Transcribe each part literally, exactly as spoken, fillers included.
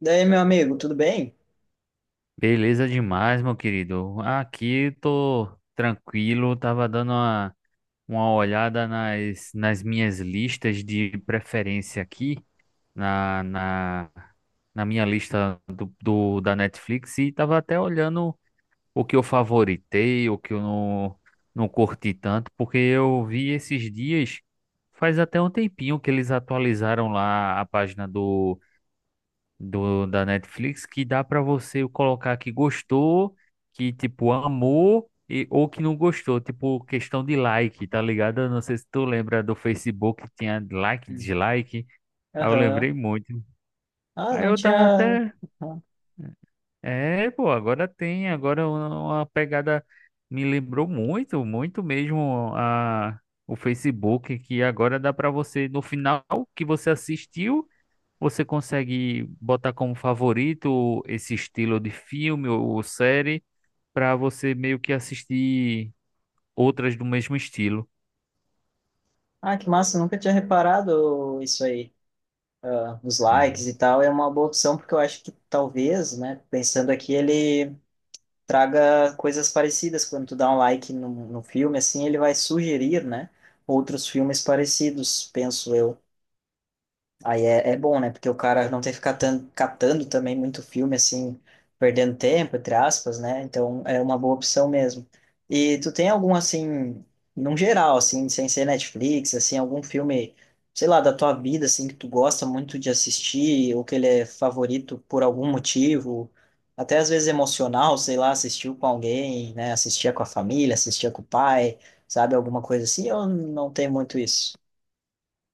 Daí, meu amigo, tudo bem? Beleza demais, meu querido. Aqui tô tranquilo, tava dando uma, uma olhada nas, nas minhas listas de preferência aqui, na, na, na minha lista do, do- da Netflix, e tava até olhando o que eu favoritei, o que eu não, não curti tanto, porque eu vi esses dias, faz até um tempinho que eles atualizaram lá a página do da Netflix que dá pra você colocar que gostou, que tipo amou e ou que não gostou, tipo questão de like, tá ligado? Eu não sei se tu lembra do Facebook que tinha like, Hum. dislike. Aí eu Aham. lembrei muito. Ah, Aí não eu tava tinha. até, Aham. é, pô, agora tem, agora uma uma pegada me lembrou muito, muito mesmo a o Facebook que agora dá pra você no final que você assistiu você consegue botar como favorito esse estilo de filme ou série para você meio que assistir outras do mesmo estilo? Ah, que massa, nunca tinha reparado isso aí. Ah, os É. likes e tal é uma boa opção, porque eu acho que talvez, né, pensando aqui, ele traga coisas parecidas. Quando tu dá um like no, no filme, assim, ele vai sugerir, né, outros filmes parecidos, penso eu. Aí é, é bom, né? Porque o cara não tem que ficar tan- catando também muito filme, assim, perdendo tempo, entre aspas, né? Então é uma boa opção mesmo. E tu tem algum, assim, num geral, assim, sem ser Netflix, assim, algum filme, sei lá, da tua vida, assim, que tu gosta muito de assistir, ou que ele é favorito por algum motivo, até às vezes emocional, sei lá, assistiu com alguém, né? Assistia com a família, assistia com o pai, sabe? Alguma coisa assim, ou não tem muito isso?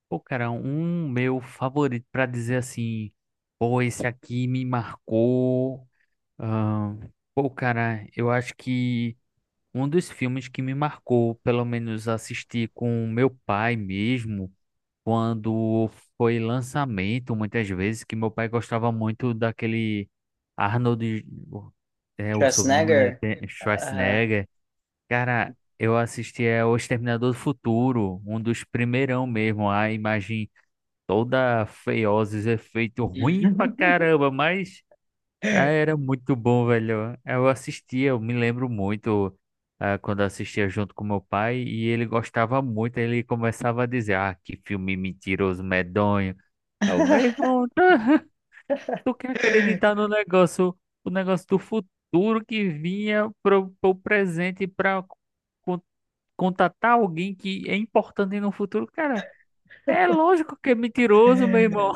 Pô, cara, um meu favorito para dizer assim, pô, esse aqui me marcou. ahn, Pô, cara, eu acho que um dos filmes que me marcou, pelo menos assistir com meu pai mesmo, quando foi lançamento, muitas vezes, que meu pai gostava muito daquele Arnold, é o sobrenome dele, Schwarzenegger. tem- ah, Schwarzenegger. Cara, eu assisti é O Exterminador do Futuro, um dos primeirão mesmo, a imagem toda feiosa, os efeitos ruim pra caramba, mas ah, Ah. era muito bom, velho. Eu assistia, eu me lembro muito ah, quando eu assistia junto com meu pai e ele gostava muito. Ele começava a dizer: ah, que filme mentiroso, medonho. Eu, meu irmão, tá, tu quer acreditar no negócio, o negócio do futuro que vinha pro, pro presente para contatar alguém que é importante no futuro? Cara, é lógico que é mentiroso, meu irmão.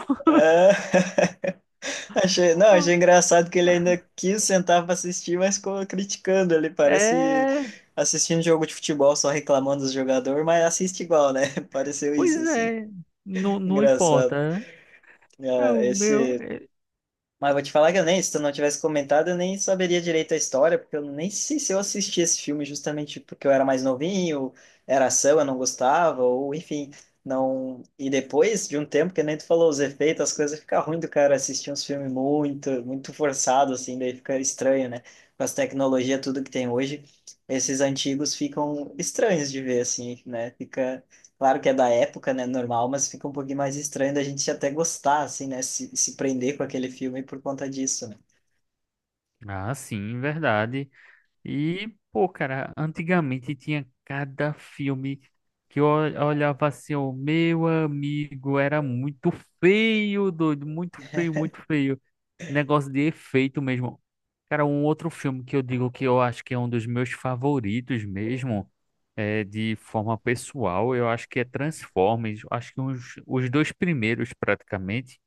Achei, não, achei engraçado que ele ainda quis sentar pra assistir, mas ficou criticando ali, parece É, assistindo jogo de futebol, só reclamando dos jogadores, mas assiste igual, né? Pareceu pois isso, assim. é. Não, não Engraçado. importa, né? É Ah, o meu. esse É- Mas vou te falar que eu nem, se tu não tivesse comentado, eu nem saberia direito a história, porque eu nem sei se eu assisti esse filme justamente porque eu era mais novinho, era ação, eu não gostava, ou enfim, não. E depois de um tempo, que nem tu falou, os efeitos, as coisas ficam ruim do cara assistir uns filmes muito, muito forçados, assim, daí fica estranho, né? Com as tecnologias, tudo que tem hoje, esses antigos ficam estranhos de ver, assim, né? Fica claro que é da época, né? Normal, mas fica um pouquinho mais estranho da gente até gostar, assim, né? Se, se prender com aquele filme por conta disso, né? Ah, sim, verdade. E, pô, cara, antigamente tinha cada filme que eu ol- olhava assim, o meu amigo era muito feio, doido, muito feio, muito feio. Negócio de efeito mesmo. Cara, um outro filme que eu digo que eu acho que é um dos meus favoritos mesmo, é de forma pessoal, eu acho que é Transformers, acho que uns, os dois primeiros praticamente.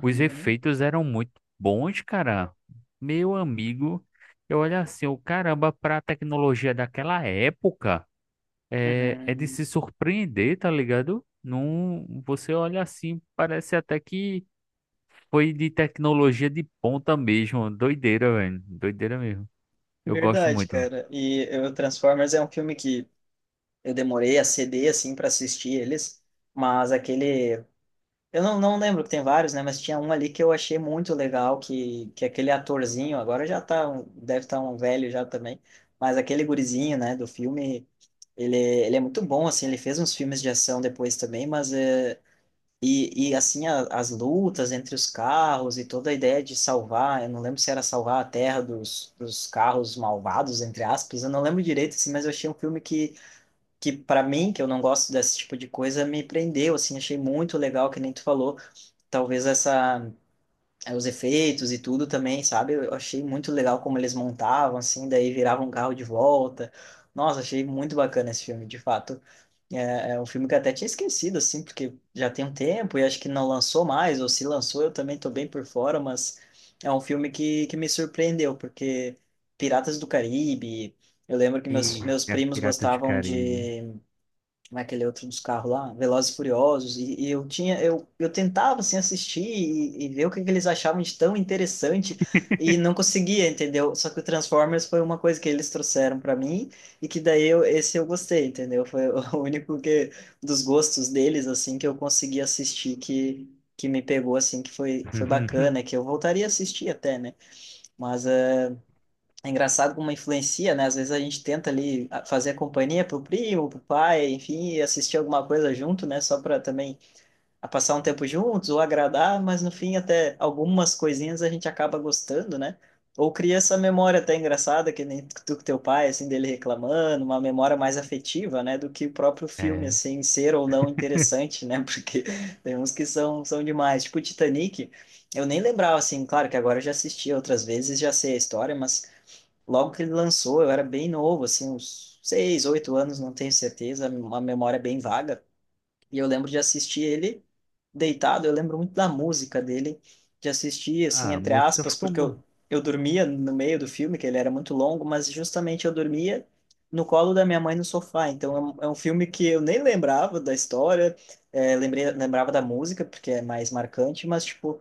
Os efeitos eram muito bons, cara. Meu amigo, eu olho assim, o caramba, pra tecnologia daquela época, é, é de se uhum. surpreender, tá ligado? Não, você olha assim, parece até que foi de tecnologia de ponta mesmo. Doideira, velho. Doideira mesmo. Eu gosto Verdade, muito. cara. E o Transformers é um filme que eu demorei a ceder, assim, para assistir eles, mas aquele. Eu não, não lembro que tem vários, né? Mas tinha um ali que eu achei muito legal, que, que aquele atorzinho, agora já tá, um- deve estar um velho já também, mas aquele gurizinho, né, do filme. Ele, ele é muito bom, assim, ele fez uns filmes de ação depois também, mas eh, E, e assim, a- as lutas entre os carros e toda a ideia de salvar, eu não lembro se era salvar a terra dos, dos carros malvados, entre aspas, eu não lembro direito, assim, mas eu achei um filme que, que para mim, que eu não gosto desse tipo de coisa, me prendeu, assim, achei muito legal, que nem tu falou, talvez essa, eh, os efeitos e tudo também, sabe? Eu achei muito legal como eles montavam, assim, daí viravam um carro de volta. Nossa, achei muito bacana esse filme, de fato. É, é um filme que eu até tinha esquecido, assim, porque já tem um tempo e acho que não lançou mais, ou se lançou eu também tô bem por fora, mas é um filme que, que me surpreendeu, porque Piratas do Caribe, eu lembro que meus, meus Eita, primos Piratas do gostavam Caribe. de como é aquele outro dos carros lá, Velozes e Furiosos, e, e eu tinha, eu, eu tentava assim assistir e, e ver o que, que eles achavam de tão interessante e não conseguia, entendeu? Só que o Transformers foi uma coisa que eles trouxeram para mim e que daí eu, esse eu gostei, entendeu? Foi o único que dos gostos deles assim que eu consegui assistir que que me pegou assim, que foi foi bacana, que eu voltaria a assistir até, né? Mas eh, é engraçado como influencia, né? Às vezes a gente tenta ali a- fazer a companhia pro primo, pro pai, enfim, e assistir alguma coisa junto, né? Só para também a passar um tempo juntos ou agradar, mas no fim até algumas coisinhas a gente acaba gostando, né? Ou cria essa memória até engraçada, que nem tu com teu pai, assim, dele reclamando, uma memória mais afetiva, né? Do que o próprio filme, É. assim, ser ou não interessante, né? Porque tem uns que são, são demais. Tipo Titanic, eu nem lembrava, assim, claro que agora eu já assisti outras vezes, já sei a história, mas logo que ele lançou, eu era bem novo, assim, uns seis, oito anos, não tenho certeza, uma memória bem vaga. E eu lembro de assistir ele deitado, eu lembro muito da música dele, de assistir, assim, Ah, a entre música aspas, ficou porque eu, boa. eu dormia no meio do filme, que ele era muito longo, mas justamente eu dormia no colo da minha mãe no sofá. Então é um, é um filme que eu nem lembrava da história, eh, lembrei, lembrava da música, porque é mais marcante, mas, tipo,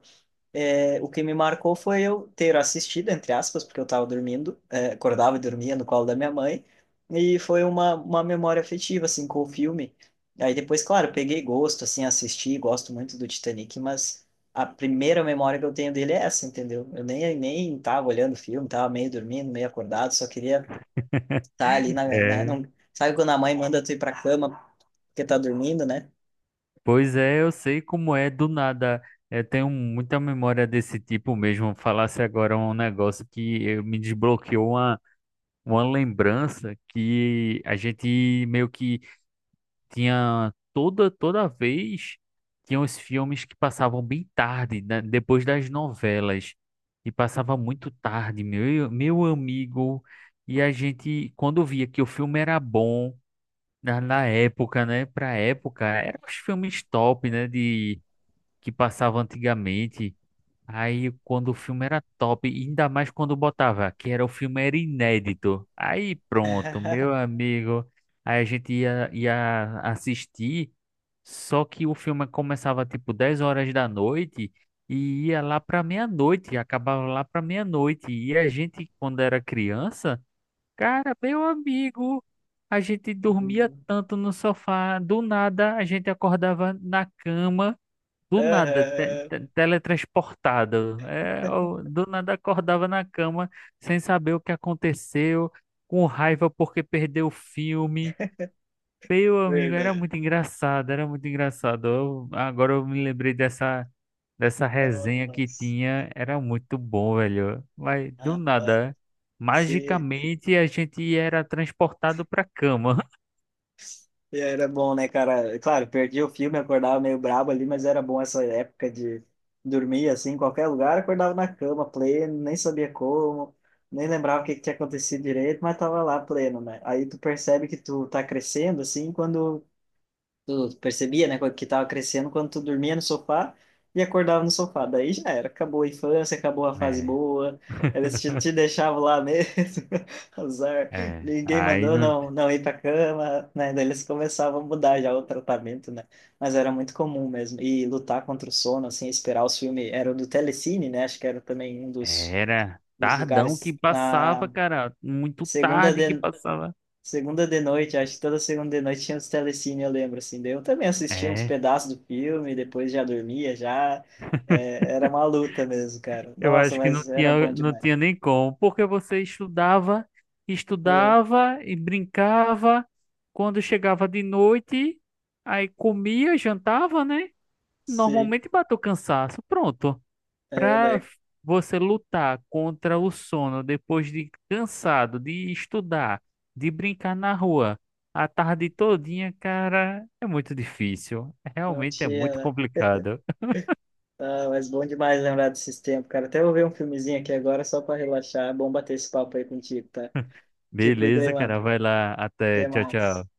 é, o que me marcou foi eu ter assistido, entre aspas, porque eu estava dormindo, é, acordava e dormia no colo da minha mãe, e foi uma, uma memória afetiva, assim, com o filme. Aí depois, claro, peguei gosto, assim, assisti, gosto muito do Titanic, mas a primeira memória que eu tenho dele é essa, entendeu? Eu nem, nem tava olhando o filme, tava meio dormindo, meio acordado, só queria estar tá ali na, né, É. não, sabe quando a mãe manda tu ir pra cama porque tá dormindo, né? Pois é, eu sei como é do nada. Eu tenho muita memória desse tipo mesmo. Falasse agora um negócio que eu- me desbloqueou uma, uma lembrança que a gente meio que tinha toda toda vez Tinha os filmes que passavam bem tarde, né, depois das novelas. E passava muito tarde, meu, meu amigo. E a gente, quando via que o filme era bom, na, na época, né? Pra época, eram os filmes top, né? De que passava antigamente. Aí quando o filme era top, e ainda mais quando botava, que era o filme era inédito. Aí pronto, meu amigo, aí a gente ia, ia assistir, só que o filme começava tipo dez horas da noite e ia lá pra meia-noite, acabava lá pra meia-noite. E a gente, quando era criança, cara, meu amigo, a gente dormia Uhum. tanto no sofá, do nada a gente acordava na cama do nada, te- Aham, te- teletransportado. É, eu do nada acordava na cama sem saber o que aconteceu, com raiva porque perdeu o filme. Meu amigo, era verdade. muito engraçado, era muito engraçado. Eu- agora eu me lembrei dessa, dessa resenha que Nossa. tinha, era muito bom, velho. Mas do Rapaz, nada, se... magicamente a gente era transportado pra cama. e era bom, né, cara? Claro, perdi o filme, acordava meio brabo ali, mas era bom essa época de dormir assim, em qualquer lugar, acordava na cama, pleno, nem sabia como, nem lembrava o que que tinha acontecido direito, mas tava lá pleno, né? Aí tu percebe que tu tá crescendo, assim, quando. Tu percebia, né, que tava crescendo quando tu dormia no sofá e acordava no sofá. Daí já era, acabou a infância, acabou a fase É. boa, eles te, te deixavam lá mesmo, azar, É, ninguém aí mandou não. não, não ir pra cama, né? Daí eles começavam a mudar já o tratamento, né? Mas era muito comum mesmo. E lutar contra o sono, assim, esperar os filmes, era o do Telecine, né? Acho que era também um dos, Era dos tardão que lugares passava, na cara. Muito segunda. tarde que passava. Segunda de noite, acho que toda segunda de noite tinha os telecine, eu lembro, assim. Daí eu também assistia uns É, pedaços do filme, depois já dormia, já. É, era uma luta mesmo, cara. eu Nossa, acho que não mas era bom tinha, não demais. tinha nem como. Porque você estudava, É, estudava e brincava. Quando chegava de noite, aí comia, jantava, né? sim, Normalmente bateu cansaço. Pronto. é, Para né? você lutar contra o sono depois de cansado de estudar, de brincar na rua a tarde todinha, cara, é muito difícil. Não Realmente é tinha, muito né? complicado. Ah, mas bom demais lembrar desses tempos, cara. Até vou ver um filmezinho aqui agora só pra relaxar. É bom bater esse papo aí contigo, tá? Te cuida aí, Beleza, mano. cara, vai lá. Até. Até Tchau, mais. tchau.